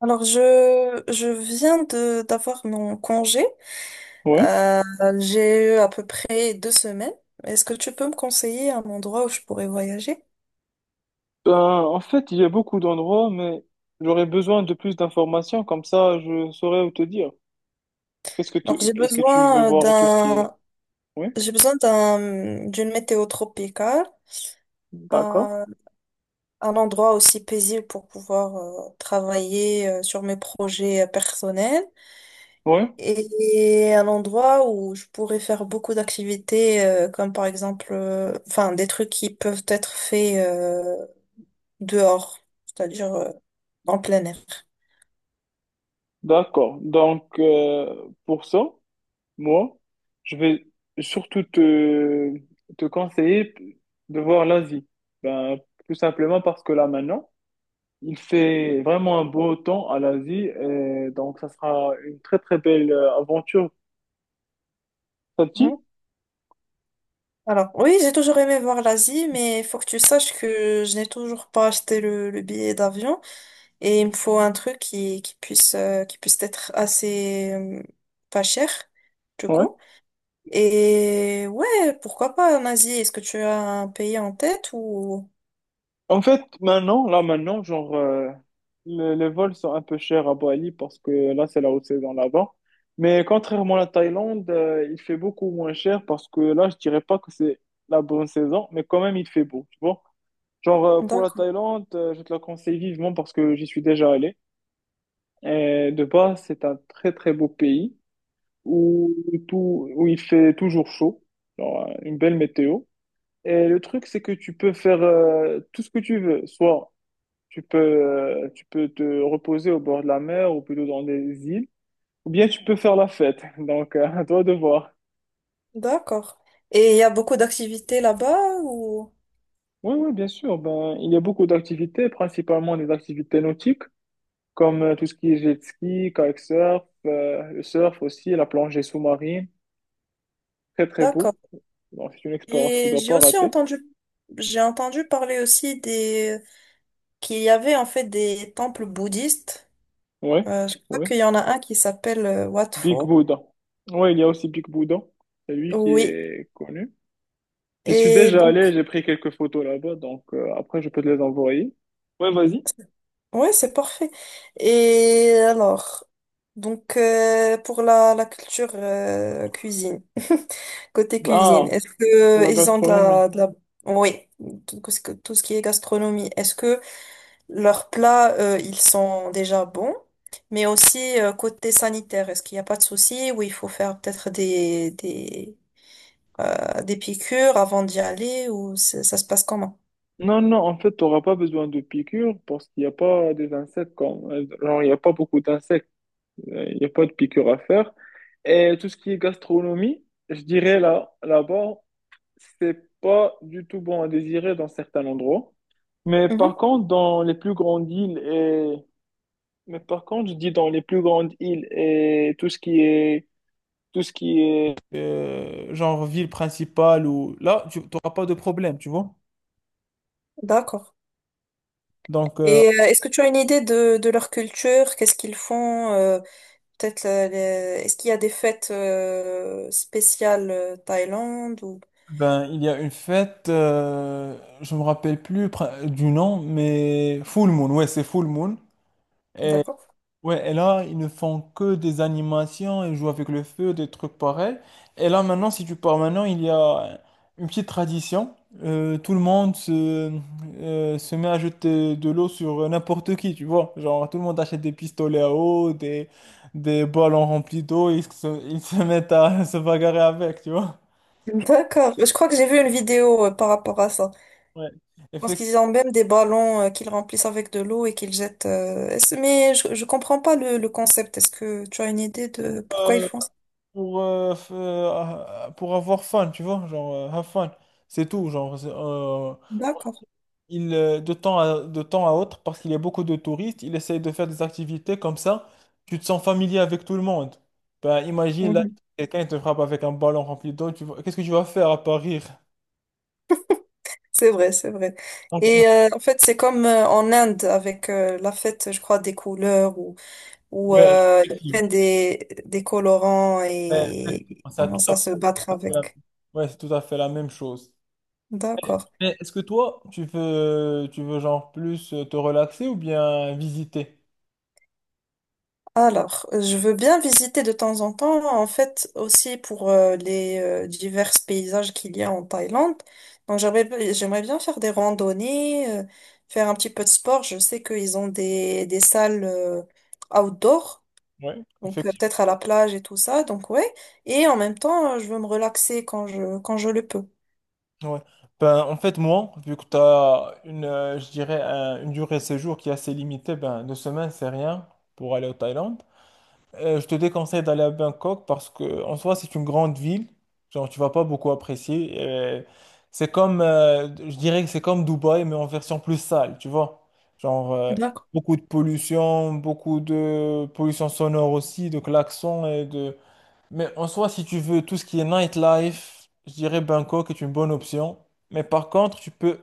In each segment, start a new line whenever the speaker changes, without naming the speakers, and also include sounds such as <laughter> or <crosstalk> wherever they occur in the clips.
Alors je viens de d'avoir mon congé.
Ouais.
Euh, j'ai eu à peu près 2 semaines. Est-ce que tu peux me conseiller un endroit où je pourrais voyager?
Ben, il y a beaucoup d'endroits, mais j'aurais besoin de plus d'informations, comme ça je saurais où te dire.
Donc
Qu'est-ce que tu veux voir et tout ce qui est. Oui,
j'ai besoin d'une météo tropicale,
d'accord.
un, un endroit aussi paisible pour pouvoir travailler sur mes projets personnels
Oui,
et un endroit où je pourrais faire beaucoup d'activités comme par exemple enfin des trucs qui peuvent être faits dehors, c'est-à-dire en plein air.
d'accord. Donc, pour ça, moi, je vais surtout te conseiller de voir l'Asie. Ben, tout simplement parce que là maintenant, il fait vraiment un beau temps à l'Asie, et donc ça sera une très très belle aventure. Ça te dit?
Mhm. Alors, oui, j'ai toujours aimé voir l'Asie, mais il faut que tu saches que je n'ai toujours pas acheté le billet d'avion et il me faut un truc qui puisse être assez pas cher, du
Ouais.
coup. Et ouais, pourquoi pas en Asie? Est-ce que tu as un pays en tête ou...
En fait, maintenant, les vols sont un peu chers à Bali parce que là, c'est la haute saison là-bas. Mais contrairement à la Thaïlande, il fait beaucoup moins cher parce que là, je dirais pas que c'est la bonne saison, mais quand même, il fait beau, tu vois. Genre, pour la
D'accord.
Thaïlande, je te la conseille vivement parce que j'y suis déjà allé. Et de base, c'est un très, très beau pays où, où il fait toujours chaud, genre, une belle météo. Et le truc, c'est que tu peux faire tout ce que tu veux, soit tu peux te reposer au bord de la mer ou plutôt dans des îles, ou bien tu peux faire la fête. <laughs> Donc, à toi de voir.
D'accord. Et il y a beaucoup d'activités là-bas ou...
Oui, oui, bien sûr. Ben, il y a beaucoup d'activités, principalement des activités nautiques, comme tout ce qui est jet ski, kitesurf, le surf aussi, la plongée sous-marine. Très, très beau.
D'accord.
Donc, c'est une expérience que tu ne
Et
dois pas rater.
j'ai entendu parler aussi des qu'il y avait en fait des temples bouddhistes.
Oui,
Je crois
oui.
qu'il y en a un qui s'appelle Wat
Big
Pho.
Buddha. Oui, il y a aussi Big Buddha. C'est lui qui
Oui.
est connu. J'y suis
Et
déjà
donc,
allé, j'ai pris quelques photos là-bas, donc après je peux te les envoyer. Ouais, vas-y.
ouais, c'est parfait. Et alors, pour la culture cuisine, <laughs> côté cuisine,
Ah,
est-ce
pour
que
la
ils ont de
gastronomie.
de la... Oui, tout ce qui est gastronomie, est-ce que leurs plats, ils sont déjà bons? Mais aussi côté sanitaire, est-ce qu'il n'y a pas de souci ou il faut faire peut-être des piqûres avant d'y aller ou ça se passe comment?
Non, non, en fait, tu n'auras pas besoin de piqûres parce qu'il n'y a pas des insectes comme... Genre, il n'y a pas beaucoup d'insectes, il n'y a pas de piqûres à faire. Et tout ce qui est gastronomie, je dirais là-bas, c'est pas du tout bon à désirer dans certains endroits. Mais
Mhm.
par contre, dans les plus grandes îles et... Mais par contre, je dis dans les plus grandes îles et tout ce qui est... genre ville principale ou là, tu n'auras pas de problème, tu vois.
D'accord.
Donc,
Et est-ce que tu as une idée de leur culture? Qu'est-ce qu'ils font? Peut-être est-ce qu'il y a des fêtes spéciales Thaïlande ou...
ben, il y a une fête, je me rappelle plus du nom, mais Full Moon, ouais, c'est Full Moon.
D'accord.
Ouais, et là, ils ne font que des animations, ils jouent avec le feu, des trucs pareils. Et là, maintenant, si tu pars maintenant, il y a une petite tradition. Tout le monde se, se met à jeter de l'eau sur n'importe qui, tu vois. Genre, tout le monde achète des pistolets à eau, des ballons remplis d'eau, ils se mettent à <laughs> se bagarrer avec, tu vois.
<laughs> D'accord. Je crois que j'ai vu une vidéo par rapport à ça.
Ouais.
Pense
Effectivement,
qu'ils ont même des ballons qu'ils remplissent avec de l'eau et qu'ils jettent. Mais je comprends pas le concept. Est-ce que tu as une idée de pourquoi ils
euh,
font ça?
pour avoir fun, tu vois, genre, have fun. C'est tout, genre.
D'accord.
De temps de temps à autre, parce qu'il y a beaucoup de touristes, il essaye de faire des activités comme ça, tu te sens familier avec tout le monde. Ben, imagine, là,
Mhm.
quelqu'un il te frappe avec un ballon rempli d'eau, qu'est-ce que tu vas faire à part rire?
C'est vrai, c'est vrai.
Donc,
Et en fait, c'est comme en Inde avec la fête, je crois, des couleurs ou
ouais,
ils prennent
effectivement,
des colorants
ouais,
et ils
ça, tout
commencent
à
à se
fait
battre
la-
avec.
ouais, c'est tout à fait la même chose.
D'accord.
Mais est-ce que toi, tu veux genre plus te relaxer ou bien visiter?
Alors, je veux bien visiter de temps en temps, en fait, aussi pour les divers paysages qu'il y a en Thaïlande. Donc, j'aimerais bien faire des randonnées, faire un petit peu de sport. Je sais qu'ils ont des salles outdoor,
Ouais,
donc
effectivement.
peut-être à la plage et tout ça. Donc, ouais. Et en même temps, je veux me relaxer quand quand je le peux.
Ouais. Ben, en fait, moi, vu que tu as une, je dirais, une durée de séjour qui est assez limitée, ben, 2 semaines, c'est rien pour aller au Thaïlande. Je te déconseille d'aller à Bangkok parce que, en soi, c'est une grande ville. Genre, tu vas pas beaucoup apprécier. Et c'est comme, je dirais que c'est comme Dubaï, mais en version plus sale, tu vois. Genre,
D'accord.
beaucoup de pollution sonore aussi, de klaxons mais en soi, si tu veux tout ce qui est nightlife, je dirais Bangkok est une bonne option. Mais par contre,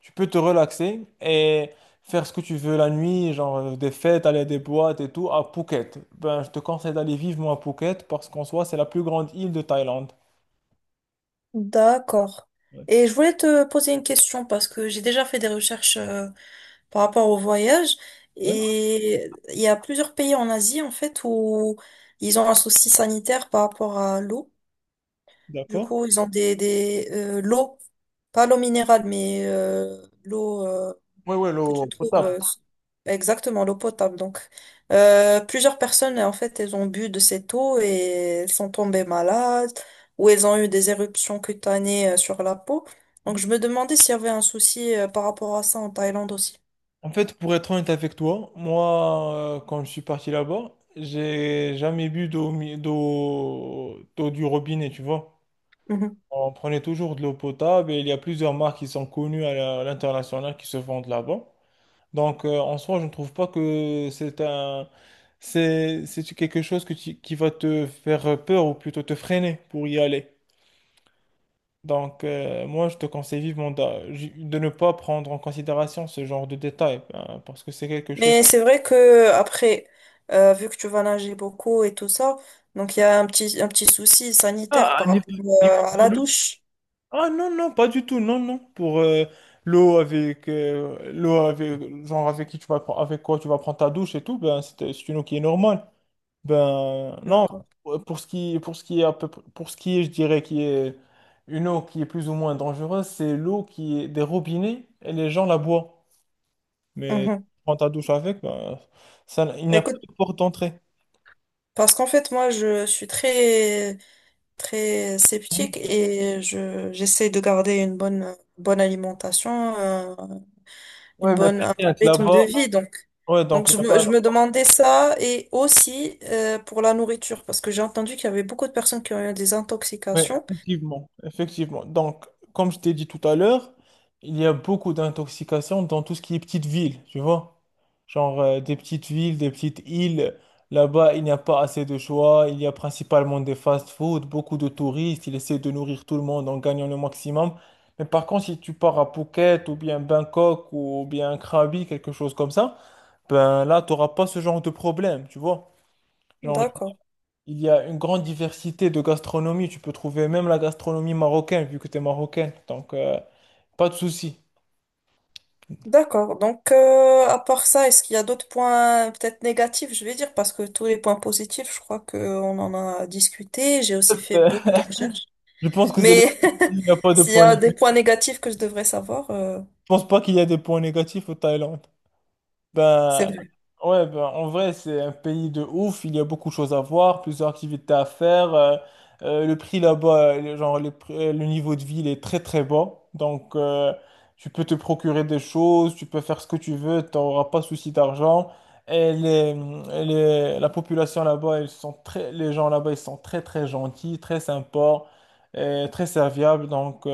tu peux te relaxer et faire ce que tu veux la nuit, genre des fêtes, aller à des boîtes et tout, à Phuket. Ben, je te conseille d'aller vivement à Phuket parce qu'en soi, c'est la plus grande île de Thaïlande.
D'accord.
Ouais.
Et je voulais te poser une question parce que j'ai déjà fait des recherches par rapport au voyage.
Ouais,
Et il y a plusieurs pays en Asie, en fait, où ils ont un souci sanitaire par rapport à l'eau. Du
d'accord.
coup, ils ont des l'eau, pas l'eau minérale, mais l'eau
Ouais, ouais,
que
l'eau
tu trouves,
potable.
exactement, l'eau potable. Donc, plusieurs personnes, en fait, elles ont bu de cette eau et elles sont tombées malades ou elles ont eu des éruptions cutanées sur la peau. Donc, je me demandais s'il y avait un souci par rapport à ça en Thaïlande aussi.
En fait, pour être honnête avec toi, moi, quand je suis parti là-bas, j'ai jamais bu d'eau mi- d'eau d'eau du robinet, tu vois. On prenait toujours de l'eau potable et il y a plusieurs marques qui sont connues à l'international qui se vendent là-bas. Donc, en soi, je ne trouve pas que c'est quelque chose que qui va te faire peur ou plutôt te freiner pour y aller. Donc, moi, je te conseille vivement ne pas prendre en considération ce genre de détails hein, parce que c'est quelque chose.
Mais c'est vrai que après, vu que tu vas nager beaucoup et tout ça, donc il y a un petit souci sanitaire
Ah, à
par
niveau,
rapport à la douche.
ah non, non, pas du tout, non, non. Pour l'eau avec genre avec qui tu vas pre- avec quoi tu vas prendre ta douche et tout, ben c'est une eau qui est normale. Ben non,
D'accord.
pour ce qui est à peu près- pour ce qui est, je dirais qui est une eau qui est plus ou moins dangereuse, c'est l'eau qui est des robinets et les gens la boivent. Mais tu
Mhm.
prends ta douche avec, ben ça, il n'y
Bah,
a pas
écoute,
de porte d'entrée.
parce qu'en fait, moi, je suis très sceptique et j'essaie de garder bonne alimentation, une
Ouais, mais
bonne, un bon
t'inquiète,
rythme
là-bas,
de vie. Donc,
ouais, donc
je
là-bas.
me demandais ça et aussi pour la nourriture, parce que j'ai entendu qu'il y avait beaucoup de personnes qui ont eu des
Oui,
intoxications.
effectivement, effectivement. Donc, comme je t'ai dit tout à l'heure, il y a beaucoup d'intoxication dans tout ce qui est petites villes, tu vois. Genre des petites villes, des petites îles. Là-bas, il n'y a pas assez de choix. Il y a principalement des fast-food, beaucoup de touristes. Ils essaient de nourrir tout le monde en gagnant le maximum. Mais par contre, si tu pars à Phuket ou bien Bangkok ou bien Krabi, quelque chose comme ça, ben là, tu n'auras pas ce genre de problème, tu vois. Genre,
D'accord.
il y a une grande diversité de gastronomie. Tu peux trouver même la gastronomie marocaine, vu que tu es marocaine. Donc, pas de souci.
D'accord. Donc, à part ça, est-ce qu'il y a d'autres points peut-être négatifs, je vais dire, parce que tous les points positifs, je crois qu'on en a discuté. J'ai aussi fait
Euh,
beaucoup de recherches.
je pense que c'est là
Mais
où il n'y a
<laughs>
pas de
s'il y
points
a des
négatifs.
points négatifs que je devrais savoir,
Je pense pas qu'il y a des points négatifs au Thaïlande.
c'est
Ben,
vrai.
ouais, ben, en vrai, c'est un pays de ouf. Il y a beaucoup de choses à voir, plusieurs activités à faire. Le prix là-bas, genre, le niveau de vie, il est très très bas. Donc, tu peux te procurer des choses, tu peux faire ce que tu veux, tu n'auras pas souci d'argent. Et la population là-bas, les gens là-bas, ils sont très très gentils, très sympas, et très serviables. Donc, tu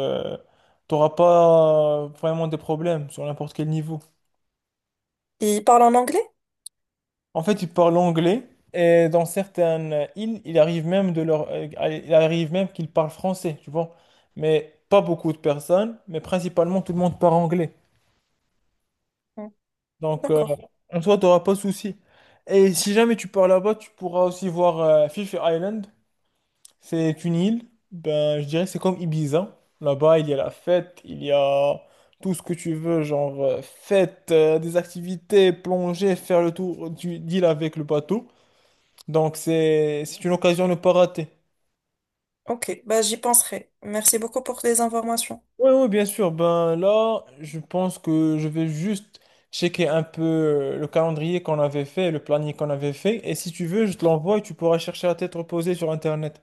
n'auras pas vraiment de problèmes sur n'importe quel niveau.
Il parle en anglais?
En fait, ils parlent anglais et dans certaines îles, il arrive même qu'ils parlent français, tu vois. Mais pas beaucoup de personnes, mais principalement tout le monde parle anglais.
Hmm,
Donc,
d'accord.
en soi, tu n'auras pas de souci. Et si jamais tu pars là-bas, tu pourras aussi voir Fifi Island. C'est une île, ben, je dirais que c'est comme Ibiza. Là-bas, il y a la fête, il y a tout ce que tu veux, genre fête, des activités, plonger, faire le tour d'île avec le bateau. Donc c'est une occasion à ne pas rater.
Ok. Bah, j'y penserai. Merci beaucoup pour les informations.
Oui, oui, bien sûr. Ben là, je pense que je vais juste checker un peu le calendrier qu'on avait fait, le planning qu'on avait fait. Et si tu veux, je te l'envoie et tu pourras chercher à tête reposée sur Internet.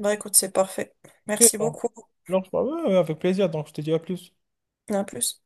Bah, écoute, c'est parfait.
Ok,
Merci beaucoup.
donc, ouais, ouais, avec plaisir. Donc je te dis à plus.
À plus.